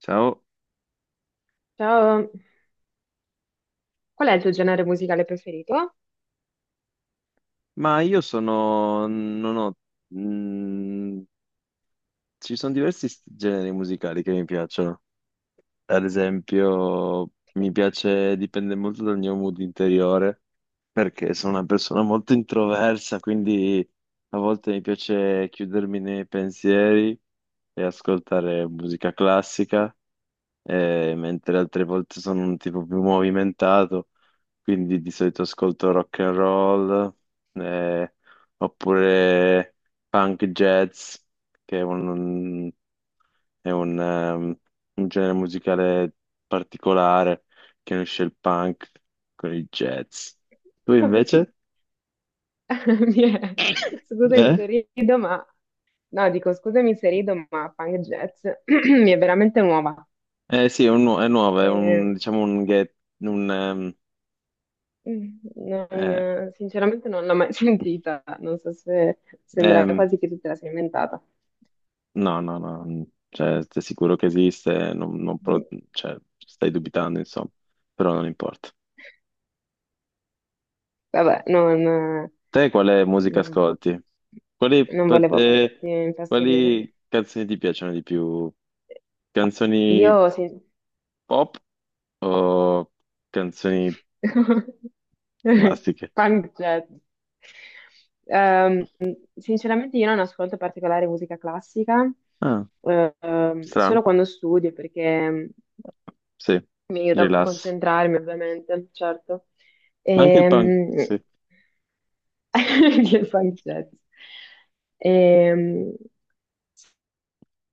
Ciao, Ciao, qual è il tuo genere musicale preferito? ma io sono, non ho, mm, ci sono diversi generi musicali che mi piacciono. Ad esempio, mi piace, dipende molto dal mio mood interiore, perché sono una persona molto introversa, quindi a volte mi piace chiudermi nei pensieri e ascoltare musica classica. Mentre altre volte sono un tipo più movimentato, quindi di solito ascolto rock and roll, eh, oppure punk jazz, che è un un genere musicale particolare che unisce il punk con il jazz. Tu invece? Mi è- Scusami Eh? se rido, ma no, dico scusami se rido, ma punk jazz mi è veramente nuova. Eh sì, è, è nuovo, è un, Ehm, diciamo un, get, un eh, Sinceramente non l'ho mai sentita, non so se sembra ehm, quasi che tu te la sia inventata. No, no, no, cioè, sei sicuro che esiste, non Mm, pro- cioè, stai dubitando, insomma, però non importa. Vabbè, Te quale musica non- ascolti? Quali, non per volevo te- farti infastidire. quali canzoni ti piacciono di più? Io, Canzoni sin- pop o canzoni classiche? Pancetta. Ehm, Sinceramente io non ascolto particolare musica classica, Ah, strano, solo quando studio, perché sì, mi aiuta a rilass. concentrarmi, ovviamente, certo. Ma anche il punk, Ehm, sì. Gli funk jazz. Ehm,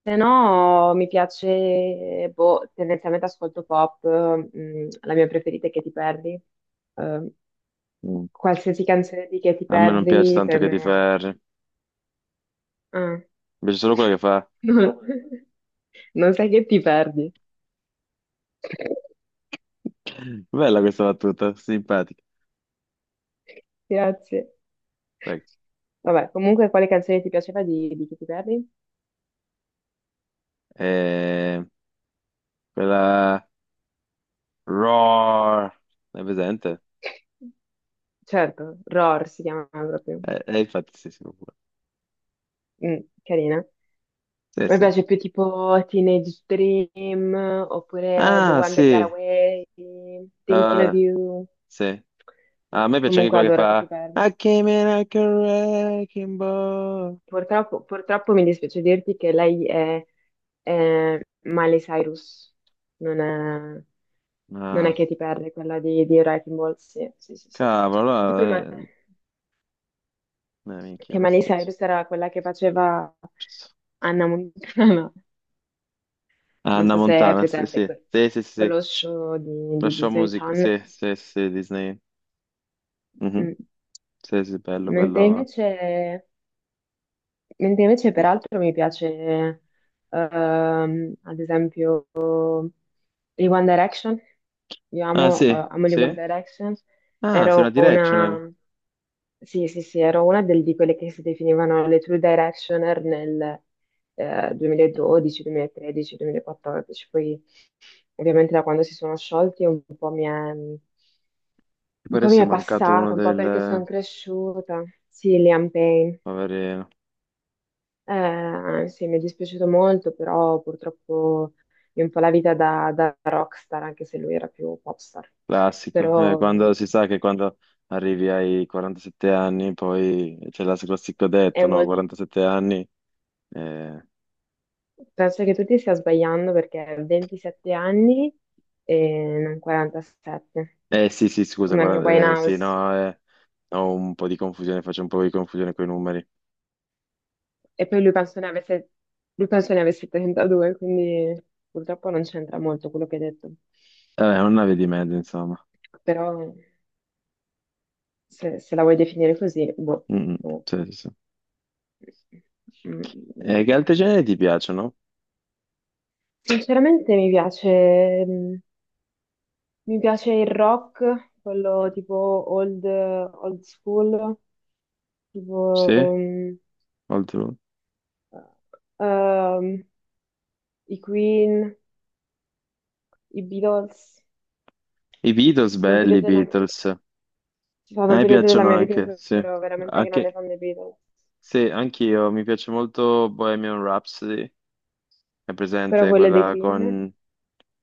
Se no, mi piace, boh, tendenzialmente ascolto pop, la mia preferita è Che ti perdi. Ehm, Mm. Qualsiasi canzone di Che ti A me non piace perdi, tanto per che ti me. ferri, Ah. invece solo quella che fa... No, non sai che ti perdi. Bella questa battuta, simpatica. Grazie. Prego. Vabbè, comunque, quale canzone ti piaceva di Che ti perdi? Eh, quella Roar, è presente? Certo, Roar si chiama proprio. Eh, infatti sì, sì, pure. Mm, carina. Sì, Mi sì. piace più tipo Teenage Dream oppure The Ah, One That Got sì. Away, Thinking of Eh, You. sì. Sì, Ah, a me piace anche comunque quella che adoro che ti fa parli. I came in like a wrecking ball. Purtroppo, mi dispiace dirti che lei è Miley Cyrus, non è, non è Ah, Katy Perry, quella di Wrecking Ball. Sì, sì, sì, sì. cavolo, Che poi, allora, eh, minchia, che Miley questo c'è. Cyrus era quella che faceva Anna Montana. Non Anna so se hai Montana, sì, presente sì, sì, sì, sì, sì. quello show di, Lo di show Disney music, Channel. sì, sì, sì, Disney. Mhm. Mm. Sì, sì, bello, Mentre bello. invece Mentre invece peraltro mi piace, ad esempio, i One Direction. Io Ah, amo, eh, sì, amo gli One sì. Direction. Ah, sei una Ero directional. una, sì, sì, sì, di quelle che si definivano le True Directioner nel 2012, 2013, 2014. Poi ovviamente da quando si sono sciolti un po' mi è, un Mi pare po' mi sia è mancato uno passata, un po' perché sono del cresciuta. Sì, Liam Payne. poverino, Sì, mi è dispiaciuto molto, però purtroppo è un po' la vita da rockstar, anche se lui era più popstar. classico. Però Quando si sa che quando arrivi ai 47 anni poi c'è la classico è detto, no, molto. 47 anni, eh, Penso che tu ti stia sbagliando perché ha 27 anni e non 47, sì sì scusa, come Amy 40 sì Winehouse. no, ho un po' di confusione, faccio un po' di confusione con i numeri, E poi lui penso ne avesse 32, quindi purtroppo non c'entra molto quello che hai detto. È una via di mezzo insomma. Però se la vuoi definire così, boh, Mm, mm, no. sì, sì, sì. E che Mm, altri generi ti piacciono? Sinceramente mi piace, mi piace il rock, quello tipo old school, tipo Sì, oltre... ehm, i Queen, i Beatles. I C'è Beatles stato un belli, i periodo della, c'è Beatles, a stato un me periodo della piacciono mia vita in anche, cui sì. ero veramente grande Anche, fan dei Beatles, sì, anch'io, mi piace molto Bohemian Rhapsody, è però presente quello è dei quella Queen con...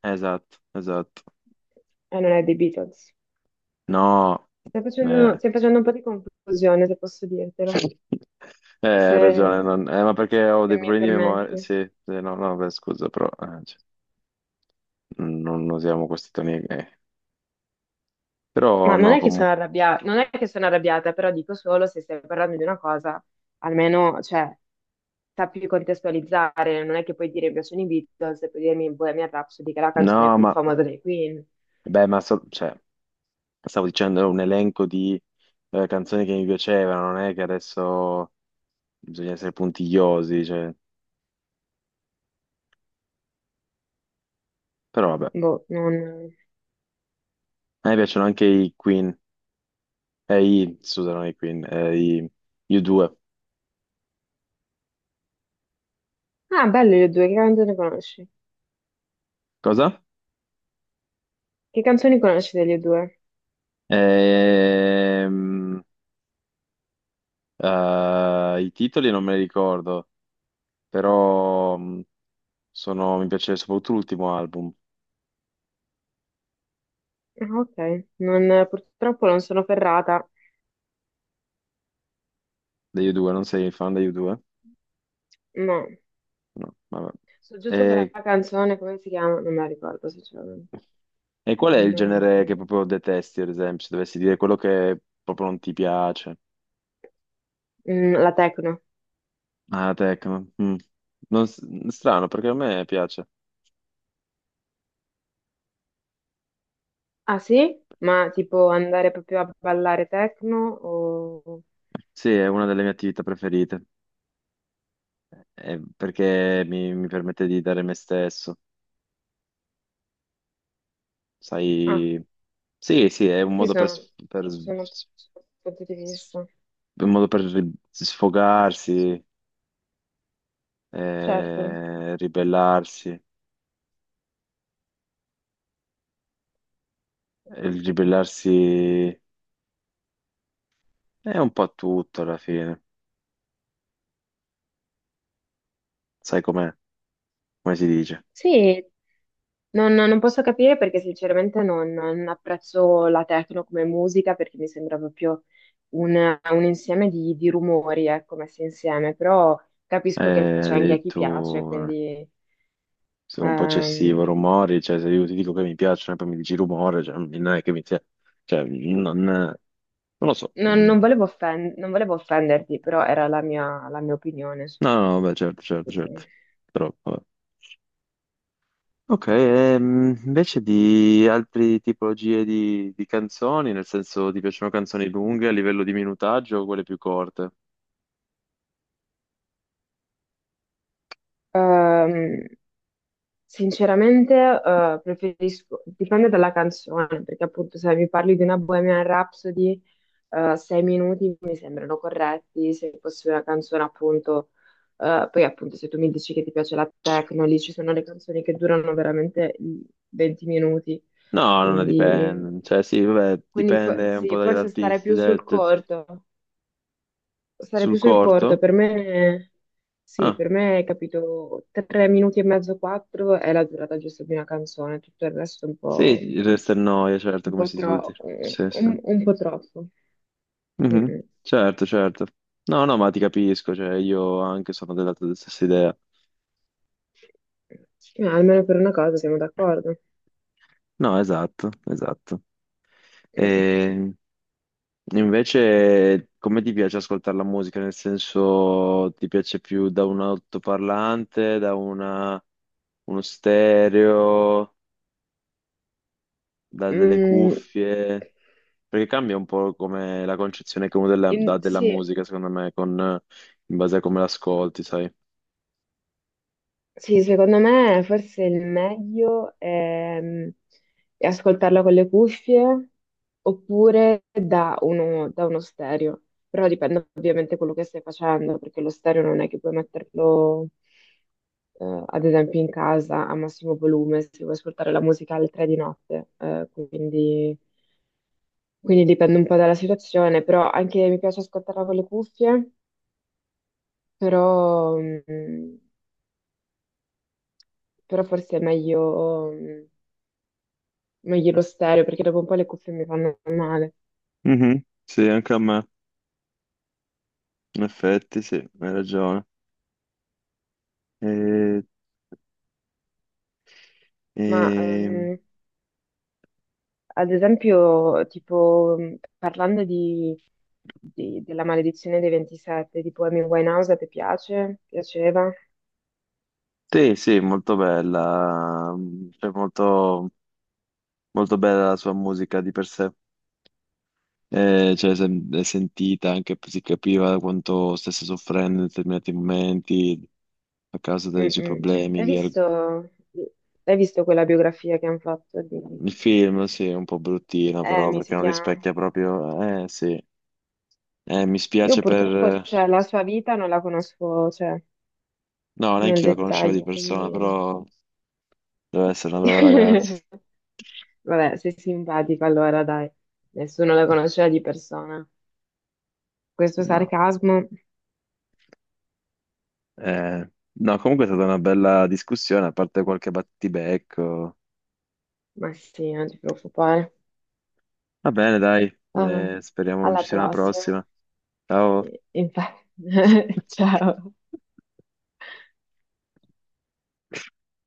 Esatto, esatto. e non è dei Beatles. No, Stai facendo, eh, stai facendo un po' di confusione, se posso dirtelo. Hai ragione, Se... ma perché ho se dei mi problemi di memoria, permetti. sì, sì, no, no, beh, scusa, però cioè, non usiamo questi toni, eh. Però Ma non no, è che sono comunque, arrabbiata, non è che sono arrabbiata, però dico solo se stai parlando di una cosa, almeno, cioè, sappi contestualizzare, non è che puoi dire mi piacciono i Beatles e puoi dirmi Bohemian Rhapsody, che è la canzone no, più ma, famosa dei Queen. beh, cioè, stavo dicendo, è un elenco di canzoni che mi piacevano, non è che adesso bisogna essere puntigliosi, cioè, però vabbè. Boh, non. A me piacciono anche i Queen. Ehi, scusami, Queen, ehi, you due. Ah, belle le due, che canzoni conosci? Cosa? Che canzoni conosci delle due? Ehm, I titoli non me li ricordo, però mi piace soprattutto l'ultimo album Ah, ok, non, purtroppo non sono ferrata, degli U2, non sei fan degli U2? no. No, vabbè. So giusto quella E, canzone, come si chiama? Non me la ricordo, sinceramente. e qual è il Non. genere che proprio detesti, ad esempio, se dovessi dire quello che proprio non ti piace? La Tecno. Ah, techno. Mm. Non s- strano, perché a me piace. Ah sì? Ma tipo andare proprio a ballare techno o. Sì, è una delle mie attività preferite. Perché mi permette di dare me stesso, Ah, sai? Sì, sì, è un sì, modo per, sono, per sono sono punti di s- vista. un modo per sfogarsi, Certo. Ribellarsi. E il ribellarsi è un po' tutto alla fine, sai com'è? Come si dice? Sì, non posso capire perché sinceramente non apprezzo la techno come musica perché mi sembra proprio un, un insieme di rumori, ecco, messi insieme, però capisco che Eh, c'è anche a chi piace, addirittura quindi sono un po' ehm, eccessivo, rumori, cioè se io ti dico che mi piacciono e poi mi dici rumore, cioè, non è che mi sia... Cioè, non lo so, non, non volevo offen- non volevo offenderti, però era la mia opinione. Su- no, no, beh, certo, sì, certo, sì. certo. Troppo. Eh. Ok, invece di altre tipologie di canzoni, nel senso ti piacciono canzoni lunghe a livello di minutaggio o quelle più corte? Ehm, Sinceramente, preferisco, dipende dalla canzone, perché appunto se mi parli di una Bohemian Rhapsody, 6 minuti mi sembrano corretti, se fosse una canzone appunto, poi appunto se tu mi dici che ti piace la techno, lì ci sono le canzoni che durano veramente i 20 minuti, No, non quindi, dipende. Cioè, sì, vabbè, dipende un po' sì, dagli forse stare artisti. più Dai, sul corto. Sarei sul più sul corto, corto? per me sì, Ah, per me capito, 3 minuti e mezzo, quattro è la durata giusta di una canzone, tutto il resto è un po', sì, resta il noia, certo, un come po', si suol tro- dire. Sì, sì. un po' troppo. Mm, Mhm, mm. certo, certo. No, no, ma ti capisco, cioè, io anche sono della tua stessa idea. Almeno per una cosa siamo d'accordo. No, esatto, esatto. Mm, Ehm, Invece, come ti piace ascoltare la musica? Nel senso, ti piace più da un altoparlante, uno stereo, da delle mm. cuffie? Perché cambia un po' come la concezione dà della Sì, musica, secondo me, in base a come l'ascolti, sai? sì, secondo me forse il meglio è ascoltarla con le cuffie oppure da uno stereo. Però dipende ovviamente quello che stai facendo, perché lo stereo non è che puoi metterlo, ad esempio, in casa a massimo volume se vuoi ascoltare la musica alle 3 di notte. Quindi dipende un po' dalla situazione, però anche mi piace ascoltarla con le cuffie, però, mm, però forse è meglio. Meglio lo stereo perché dopo un po' le cuffie mi fanno male. Mhm, sì, anche a me, in effetti, sì, hai ragione. E, Ma e- ad esempio, tipo, parlando di, della maledizione dei 27, tipo Amy Winehouse, ti piace? Piaceva? Sì, sì, molto bella, cioè molto bella la sua musica di per sé, cioè è sentita, anche si capiva quanto stesse soffrendo in determinati momenti a causa dei suoi Mm-mm. problemi. Hai visto, hai visto quella biografia che hanno fatto di Il film, sì, è un po' bruttino però Amy, perché si non chiama? rispecchia proprio... Eh sì, eh, mi Io spiace purtroppo, per... cioè, la sua vita non la conosco, cioè, No, nel neanche io la conoscevo di dettaglio, persona, quindi. però deve essere una brava ragazza. Vabbè, sei simpatico allora, dai. Nessuno la conosceva di persona. Questo No, sarcasmo, eh, no, comunque è stata una bella discussione, a parte qualche battibecco. ma sì, non ti preoccupare. Va bene, dai, Ah, speriamo non alla ci sia una prossima. prossima. Ciao. Infatti, ciao.